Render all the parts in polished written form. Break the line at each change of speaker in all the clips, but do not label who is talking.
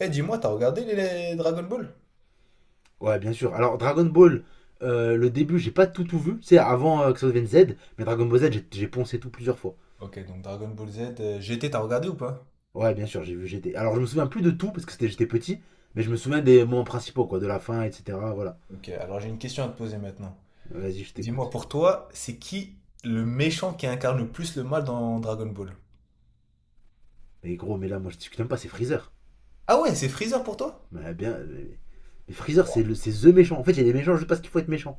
Eh, dis-moi, t'as regardé les Dragon Ball?
Ouais, bien sûr. Alors, Dragon Ball, le début, j'ai pas tout vu. C'est avant que ça devienne Z, mais Dragon Ball Z, j'ai poncé tout plusieurs fois.
Ok, donc Dragon Ball Z, GT, t'as regardé ou pas?
Ouais, bien sûr, j'ai vu GT. Alors, je me souviens plus de tout parce que c'était j'étais petit, mais je me souviens des moments principaux, quoi, de la fin, etc. Voilà.
Ok, alors j'ai une question à te poser maintenant.
Vas-y, je
Dis-moi,
t'écoute.
pour toi, c'est qui le méchant qui incarne le plus le mal dans Dragon Ball?
Mais gros, mais là, moi, je discute même pas, c'est Freezer.
Ah ouais, c'est Freezer pour toi?
Mais bien. Mais Freezer, c'est The méchant. En fait, il y a des méchants je sais pas ce qu'il faut être méchant.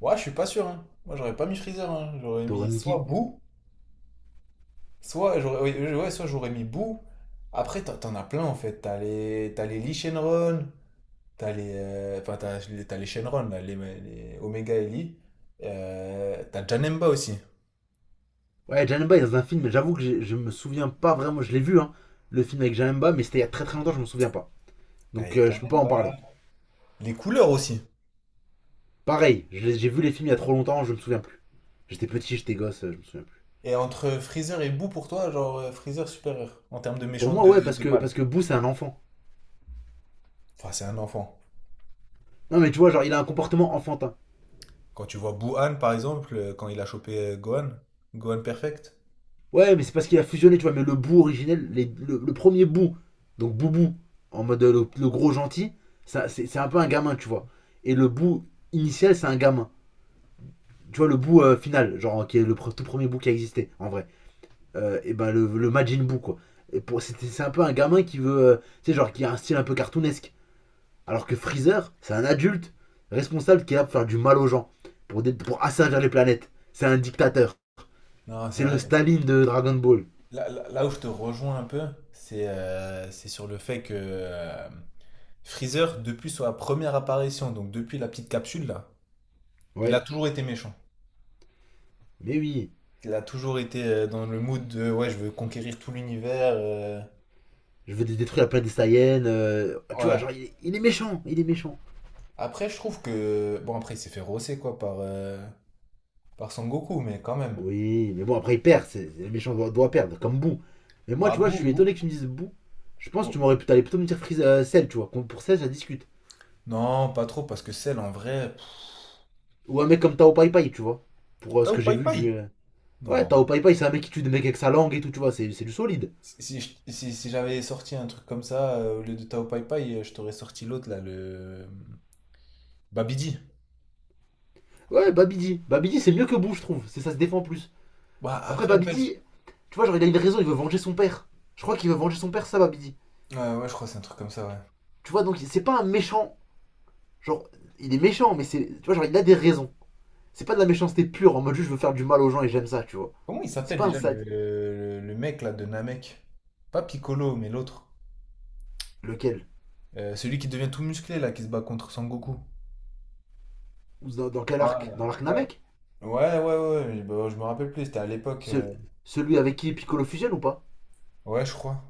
Ouais, je suis pas sûr, hein. Moi, j'aurais pas mis Freezer, hein. J'aurais
T'aurais
mis soit
Mickey.
Boo, soit j'aurais, ouais, ouais, soit j'aurais mis Boo. Après, t'en as plein, en fait. T'as les Lee Shenron, enfin, t'as les Shenron, là, les Omega et Lee. T'as Janemba aussi.
Ouais, Janemba est dans un film, mais j'avoue que je me souviens pas vraiment. Je l'ai vu, hein, le film avec Janemba, mais c'était il y a très très longtemps, je me souviens pas.
Ah, y a
Donc,
déjà
je peux pas en
Nemba.
parler.
Les couleurs aussi.
Pareil, j'ai vu les films il y a trop longtemps, je me souviens plus. J'étais petit, j'étais gosse, je me souviens plus.
Et entre Freezer et Boo, pour toi, genre Freezer supérieur en termes de
Pour
méchant
moi, ouais,
de,
parce
de
que,
mal.
parce que Boo, c'est un enfant.
Enfin, c'est un enfant.
Non, mais tu vois, genre, il a un comportement enfantin.
Quand tu vois Boo Han, par exemple, quand il a chopé Gohan, Gohan Perfect.
Ouais, mais c'est parce qu'il a fusionné, tu vois, mais le Boo originel, le premier Boo, donc Boubou, en mode le gros gentil, ça, c'est un peu un gamin, tu vois. Et le Boo initial, c'est un gamin. Tu vois, le Boo final, genre, qui est le tout premier Boo qui a existé, en vrai. Et ben, le Majin Boo, quoi. C'est un peu un gamin qui veut, tu sais, genre, qui a un style un peu cartoonesque. Alors que Freezer, c'est un adulte responsable qui est là pour faire du mal aux gens, pour asservir les planètes. C'est un dictateur.
Non, c'est
C'est le
vrai.
Staline de Dragon Ball.
Là, là où je te rejoins un peu, c'est sur le fait que Freezer, depuis sa première apparition, donc depuis la petite capsule là, il a
Ouais,
toujours été méchant.
mais oui,
Il a toujours été dans le mood de ouais, je veux conquérir tout l'univers.
je veux détruire la planète des Saiyans. Tu vois,
Ouais.
genre, il est méchant, il est méchant.
Après, je trouve que. Bon, après, il s'est fait rosser, quoi, par Son Goku, mais quand même.
Oui, mais bon, après, il perd. Le méchant doit perdre, comme Boo. Mais moi,
Bah,
tu vois, je
bou,
suis
bou.
étonné que tu me dises Boo. Je pense que tu
bou-
m'aurais pu t'aller plutôt me dire Freezer, Cell, tu vois. Pour Cell, ça discute.
Non, pas trop, parce que celle, en vrai.
Ou un mec comme Tao Pai Pai, tu vois. Pour ce que
Tao
j'ai
Pai
vu
Pai!
du. Ouais,
Non.
Tao Pai Pai, c'est un mec qui tue des mecs avec sa langue et tout, tu vois, c'est du solide.
Si, si je- si- si j'avais sorti un truc comme ça, au lieu de Tao Pai Pai, je t'aurais sorti l'autre, là, le. Babidi.
Ouais, Babidi. Babidi, c'est mieux que Bou, je trouve. C'est ça se défend plus.
Bah,
Après,
après, en fait.
Babidi, tu vois, genre, il a une raison, il veut venger son père. Je crois qu'il veut venger son père, ça, Babidi.
Ouais, ouais, je crois que c'est un truc comme ça, ouais.
Tu vois, donc, c'est pas un méchant. Genre, il est méchant, mais c'est. Tu vois, genre, il a des raisons. C'est pas de la méchanceté pure, en mode juste, je veux faire du mal aux gens et j'aime ça, tu vois.
Comment il
C'est
s'appelle
pas un
déjà
sad.
le mec, là, de Namek? Pas Piccolo, mais l'autre.
Lequel?
Celui qui devient tout musclé, là, qui se bat contre Son Goku.
Dans quel
Ouais,
arc? Dans l'arc
ouais,
Namek?
ouais, ouais, ouais, mais bon, je me rappelle plus, c'était à l'époque.
Ce- Celui avec qui Piccolo fusionne ou pas?
Ouais, je crois.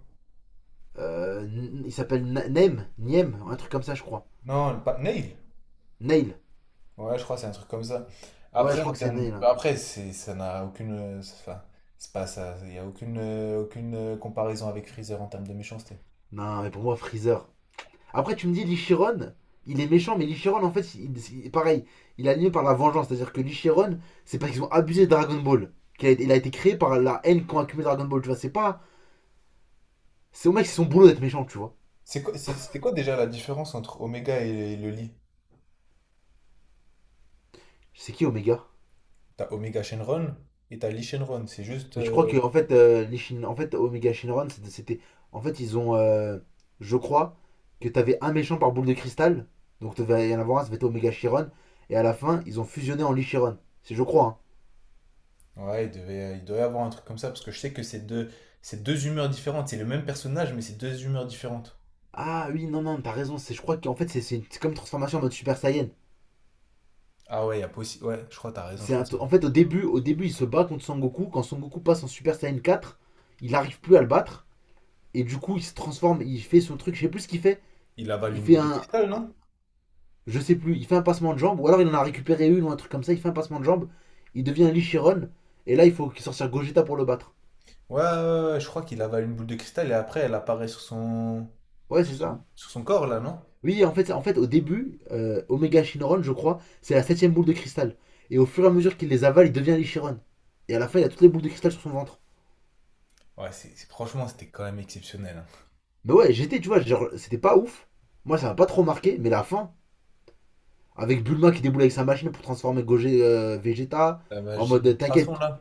Euh, Il s'appelle Nem, Niem, un truc comme ça, je crois.
Non, Nail.
Nail.
Ouais, je crois, c'est un truc comme ça.
Ouais, je
Après,
crois
en
que c'est
termes.
Nail, hein.
Après, c'est, ça n'a aucune. Enfin, c'est pas ça. Il n'y a aucune comparaison avec Freezer en termes de méchanceté.
Non, mais pour moi, Freezer. Après, tu me dis, Lichiron, il est méchant, mais Lichiron, en fait, pareil, il est animé par la vengeance. C'est-à-dire que Lichiron, c'est parce qu'ils ont abusé de Dragon Ball. Il a été créé par la haine qu'ont accumulé Dragon Ball, tu vois. C'est pas. C'est au mec, c'est son boulot d'être méchant, tu vois.
C'est quoi, c'était quoi déjà la différence entre Omega et le Lee?
C'est qui, Omega?
T'as Omega Shenron et t'as Lee Shenron. C'est juste.
Mais je crois que, en fait, en fait Omega Shinron, c'était- En fait, ils ont. Je crois que t'avais un méchant par boule de cristal. Donc, t'avais y en avoir un, ça devait être Omega Chiron. Et à la fin, ils ont fusionné en Lichiron. Si je crois, hein.
Ouais, il doit y avoir un truc comme ça, parce que je sais que c'est deux humeurs différentes. C'est le même personnage, mais c'est deux humeurs différentes.
Ah oui, non, non, t'as raison. Je crois qu'en fait, c'est comme une transformation en mode Super Saiyan.
Ah ouais, il y a possi- Ouais, je crois, t'as raison, je
C'est
crois.
un t- en fait, au début, il se bat contre Son Goku. Quand Son Goku passe en Super Saiyan quatre, il n'arrive plus à le battre. Et du coup, il se transforme, il fait son truc. Je sais plus ce qu'il fait.
Il avale
Il
une
fait
boule de
un.
cristal,
Un-
non?
Je sais plus, il fait un passement de jambe. Ou alors, il en a récupéré une ou un truc comme ça. Il fait un passement de jambe. Il devient un Lichiron. Et là, il faut sortir Gogeta pour le battre.
Ouais, ouais, ouais, je crois qu'il avale une boule de cristal et après elle apparaît sur son,
Ouais, c'est
sur son,
ça.
corps, là, non?
Oui, en fait, au début, Omega Shinron, je crois, c'est la septième boule de cristal. Et au fur et à mesure qu'il les avale, il devient l'Ichiron. Et à la fin, il a toutes les boules de cristal sur son ventre.
Ouais, franchement, c'était quand même exceptionnel, hein.
Mais ouais, j'étais, tu vois, genre, c'était pas ouf. Moi, ça m'a pas trop marqué, mais la fin, avec Bulma qui déboule avec sa machine pour transformer Gogeta, Vegeta,
La
en
magie de
mode,
l'ultrason,
t'inquiète.
là.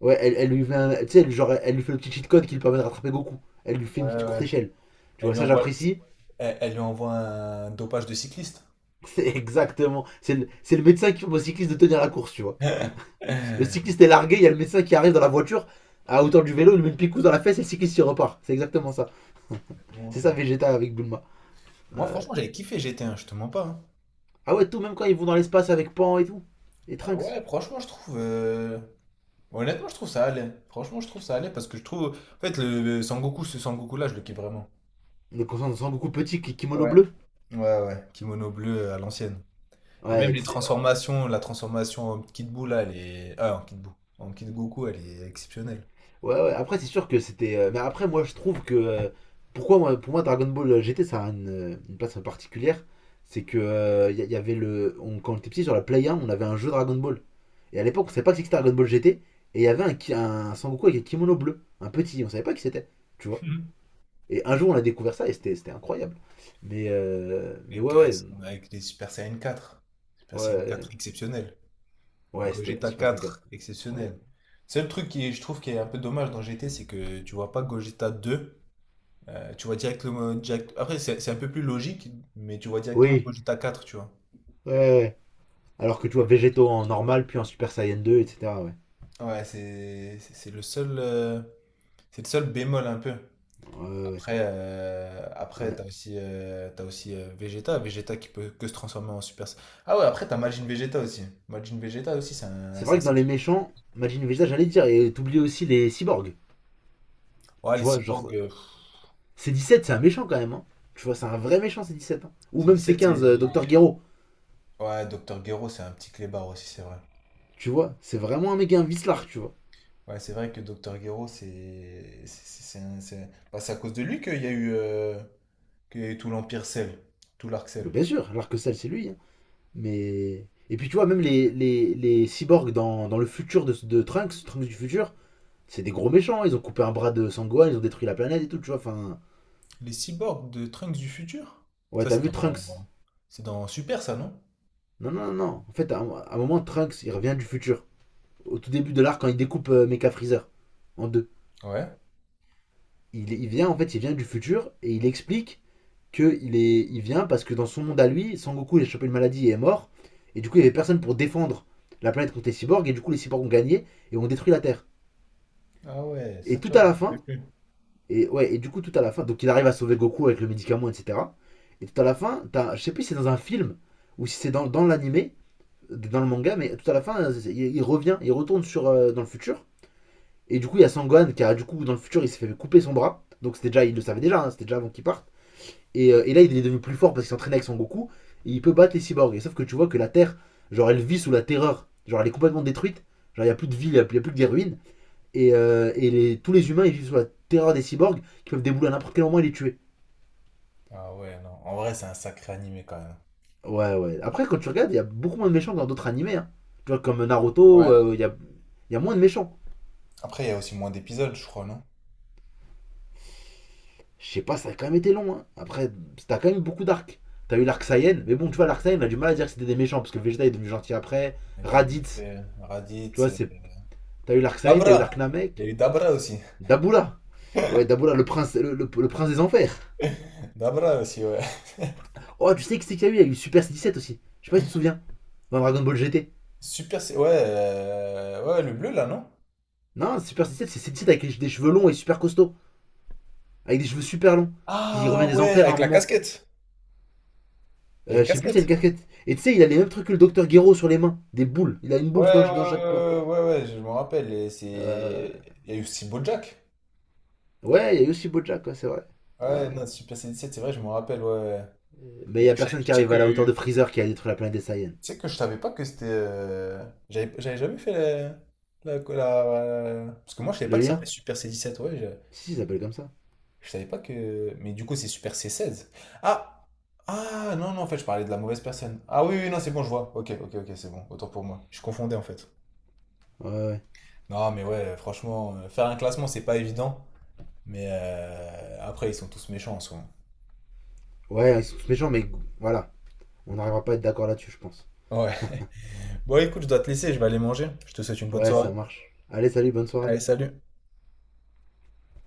Ouais, elle lui fait. Tu sais, elle, genre, elle lui fait le petit cheat code qui lui permet de rattraper Goku. Elle lui fait une
Ouais,
petite courte
ouais.
échelle. Tu
Elle
vois,
lui
ça,
envoie,
j'apprécie.
elle lui envoie un dopage de cycliste.
C'est exactement. C'est le médecin qui fait au cycliste de tenir la course, tu vois.
C'est
Le cycliste est largué, il y a le médecin qui arrive dans la voiture à hauteur du vélo, il lui met une picousse dans la fesse et le cycliste s'y repart. C'est exactement ça.
exactement
C'est ça
ça.
Vegeta avec Bulma.
Moi,
Euh,
franchement, j'avais kiffé GT1, je te mens pas, hein.
Ah ouais, tout, même quand ils vont dans l'espace avec Pan et tout. Et
Ah
Trunks.
ouais, franchement, je trouve. Honnêtement, je trouve ça allait. Franchement, je trouve ça allait parce que je trouve. En fait, le Sangoku, ce Sangoku-là, je le kiffe vraiment.
Donc on sent beaucoup petit, kimono
Ouais.
bleu.
Ouais, ouais, kimono bleu à l'ancienne. Et même
Ouais,
les transformations, la transformation en Kid Buu, là, elle est. Ah, en Kid Buu. En Kid Goku, elle est exceptionnelle.
ouais, ouais. Après, c'est sûr que c'était. Mais après, moi, je trouve que. Pourquoi, moi, pour moi, Dragon Ball GT, ça a une place particulière. C'est que. Il y avait le. Quand on était petit sur la Play 1, on avait un jeu Dragon Ball. Et à l'époque, on savait pas que c'était Dragon Ball GT. Et il y avait un Sangoku avec un kimono bleu, un petit, on savait pas qui c'était, tu vois.
Mhm.
Et un jour, on a découvert ça et c'était incroyable. Mais
Avec,
ouais,
euh,
ouais,
avec les Super Saiyan 4. Super Saiyan 4
ouais,
exceptionnel.
ouais, c'était
Gogeta
Super
quatre
Dreamcast,
exceptionnel.
incroyable.
Seul truc je trouve, qui est un peu dommage dans G T, c'est que tu vois pas Gogeta 2, tu vois directement. Après, c'est un peu plus logique, mais tu vois directement
Oui,
Gogeta 4, tu vois.
ouais, ouais. Alors que tu vois, Végéto en normal, puis en Super Saiyan 2, etc. Ouais,
Ouais, c'est le seul. C'est le seul bémol un peu.
ouais, ouais.
Après,
Ouais.
t'as aussi, Vegeta qui peut que se transformer en Super Saiyan. Ah ouais, après t'as Majin Vegeta aussi. Majin Vegeta aussi, c'est un,
C'est
c'est un
vrai que dans les
sacré-.
méchants, Majin Vegeta, j'allais dire, et t'oublies aussi les cyborgs,
Ouais, les
tu vois, genre,
cyborgs,
C17, c'est un méchant quand même, hein. Tu vois, c'est un vrai méchant, C17, hein. Ou
c'est
même
17,
C15, Docteur Gero.
Ouais, Docteur Gero, c'est un petit clébard aussi, c'est vrai.
Tu vois, c'est vraiment un mec qui invite l'arc, tu vois.
Ouais, c'est vrai que Docteur Gero, c'est. Bah, c'est à cause de lui qu'il y a eu, tout l'Empire Cell, tout l'arc
Mais
Cell.
bien sûr, l'arc-sale, c'est lui, hein. Mais. Et puis tu vois, même les cyborgs dans le futur de Trunks, Trunks du futur, c'est des gros méchants. Ils ont coupé un bras de Sangohan, ils ont détruit la planète et tout, tu vois. Enfin.
Les cyborgs de Trunks du futur?
Ouais,
Ça,
t'as
c'est
vu Trunks?
dans. C'est dans Super, ça, non?
Non, non, non. En fait, à un moment, Trunks, il revient du futur. Au tout début de l'arc, quand il découpe Mecha Freezer en deux.
Ouais.
Il vient, en fait, il vient du futur et il explique qu'il est, il vient parce que dans son monde à lui, Sangoku il a chopé une maladie et est mort. Et du coup, il y avait personne pour défendre la planète contre les cyborgs. Et du coup, les cyborgs ont gagné et ont détruit la Terre.
Ah ouais, ça,
Et tout
tu vois,
à
je m'en
la
rappelle
fin,
plus.
et ouais, et du coup, tout à la fin, donc il arrive à sauver Goku avec le médicament, etc. Et tout à la fin, t'as, je sais plus si c'est dans un film ou si c'est dans l'animé, dans le manga, mais tout à la fin, il revient, il retourne dans le futur. Et du coup, il y a Sangohan qui a, du coup, dans le futur, il s'est fait couper son bras. Donc c'était déjà, il le savait déjà, hein, c'était déjà avant qu'il parte. Et là, il est devenu plus fort parce qu'il s'entraîne avec Son Goku. Et il peut battre les cyborgs. Et sauf que tu vois que la Terre, genre, elle vit sous la terreur. Genre, elle est complètement détruite. Genre, il n'y a plus de ville, il n'y a, y a plus que des ruines. Et tous les humains, ils vivent sous la terreur des cyborgs qui peuvent débouler à n'importe quel moment et les tuer.
Ah ouais, non. En vrai, c'est un sacré animé quand même.
Ouais, ouais. Après, quand tu regardes, il y a beaucoup moins de méchants que dans d'autres animés, hein. Tu vois, comme Naruto,
Ouais.
il y a moins de méchants.
Après, il y a aussi moins d'épisodes, je crois, non?
Je sais pas, ça a quand même été long, hein. Après, t'as quand même eu beaucoup d'arcs. T'as eu l'arc Saiyan, mais bon, tu vois, l'arc Saiyan, on a du mal à dire que c'était des méchants parce que Vegeta est devenu gentil après.
Et t'as eu
Raditz, tu
Raditz,
vois, c'est T'as eu l'Arksain, t'as eu
Dabra! Il y
l'Arknamek,
a eu Dabra aussi.
Daboula. Ouais, Daboula, le prince, le prince des enfers.
Dabra aussi, ouais.
Oh, tu sais que c'est qu'il y a eu. Il y a eu Super 17 aussi. Je sais pas si tu te souviens. Dans Dragon Ball GT.
Super, ouais, ouais, le bleu là, non?
Non, Super 17, c'est 17 avec des cheveux longs et super costauds. Avec des cheveux super longs. Qui revient
Ah
des
ouais,
enfers à un
avec la
moment.
casquette. Il y a
Euh,
une
je sais plus, c'est une
casquette.
casquette. Et tu sais, il a les mêmes trucs que le docteur Guéraud sur les mains. Des boules. Il a une
Ouais,
boule dans
ouais,
chaque point.
ouais, ouais, ouais, je me rappelle. Et
Euh,
il y a eu aussi BoJack.
Ouais, il y a eu aussi Bojack, ouais, c'est vrai.
Ouais, non,
Ouais.
Super C17, c'est vrai, je me rappelle, ouais, ouais.
Mais il y
Et
a personne
tu
qui
sais
arrive
que
à la hauteur de Freezer qui a détruit la planète des Saiyans.
tu sais que je savais pas que c'était. J'avais jamais fait. Parce que moi, je savais pas
Le
que ça s'appelait
lien.
Super C17, ouais. Je,
Si, il s'appelle comme ça.
je savais pas que. Mais du coup, c'est Super C16. Ah! Ah non, non, en fait, je parlais de la mauvaise personne. Ah oui, oui, non, c'est bon, je vois. Ok, ok, ok, c'est bon. Autant pour moi. Je confondais, en fait.
Ouais, ouais.
Non, mais ouais, franchement, faire un classement, c'est pas évident. Mais après, ils sont tous méchants en soi.
Ouais, ils sont tous méchants, mais voilà. On n'arrivera pas à être d'accord là-dessus, je pense.
Ouais. Bon, écoute, je dois te laisser, je vais aller manger. Je te souhaite une bonne
Ouais, ça
soirée.
marche. Allez, salut, bonne soirée.
Allez, salut.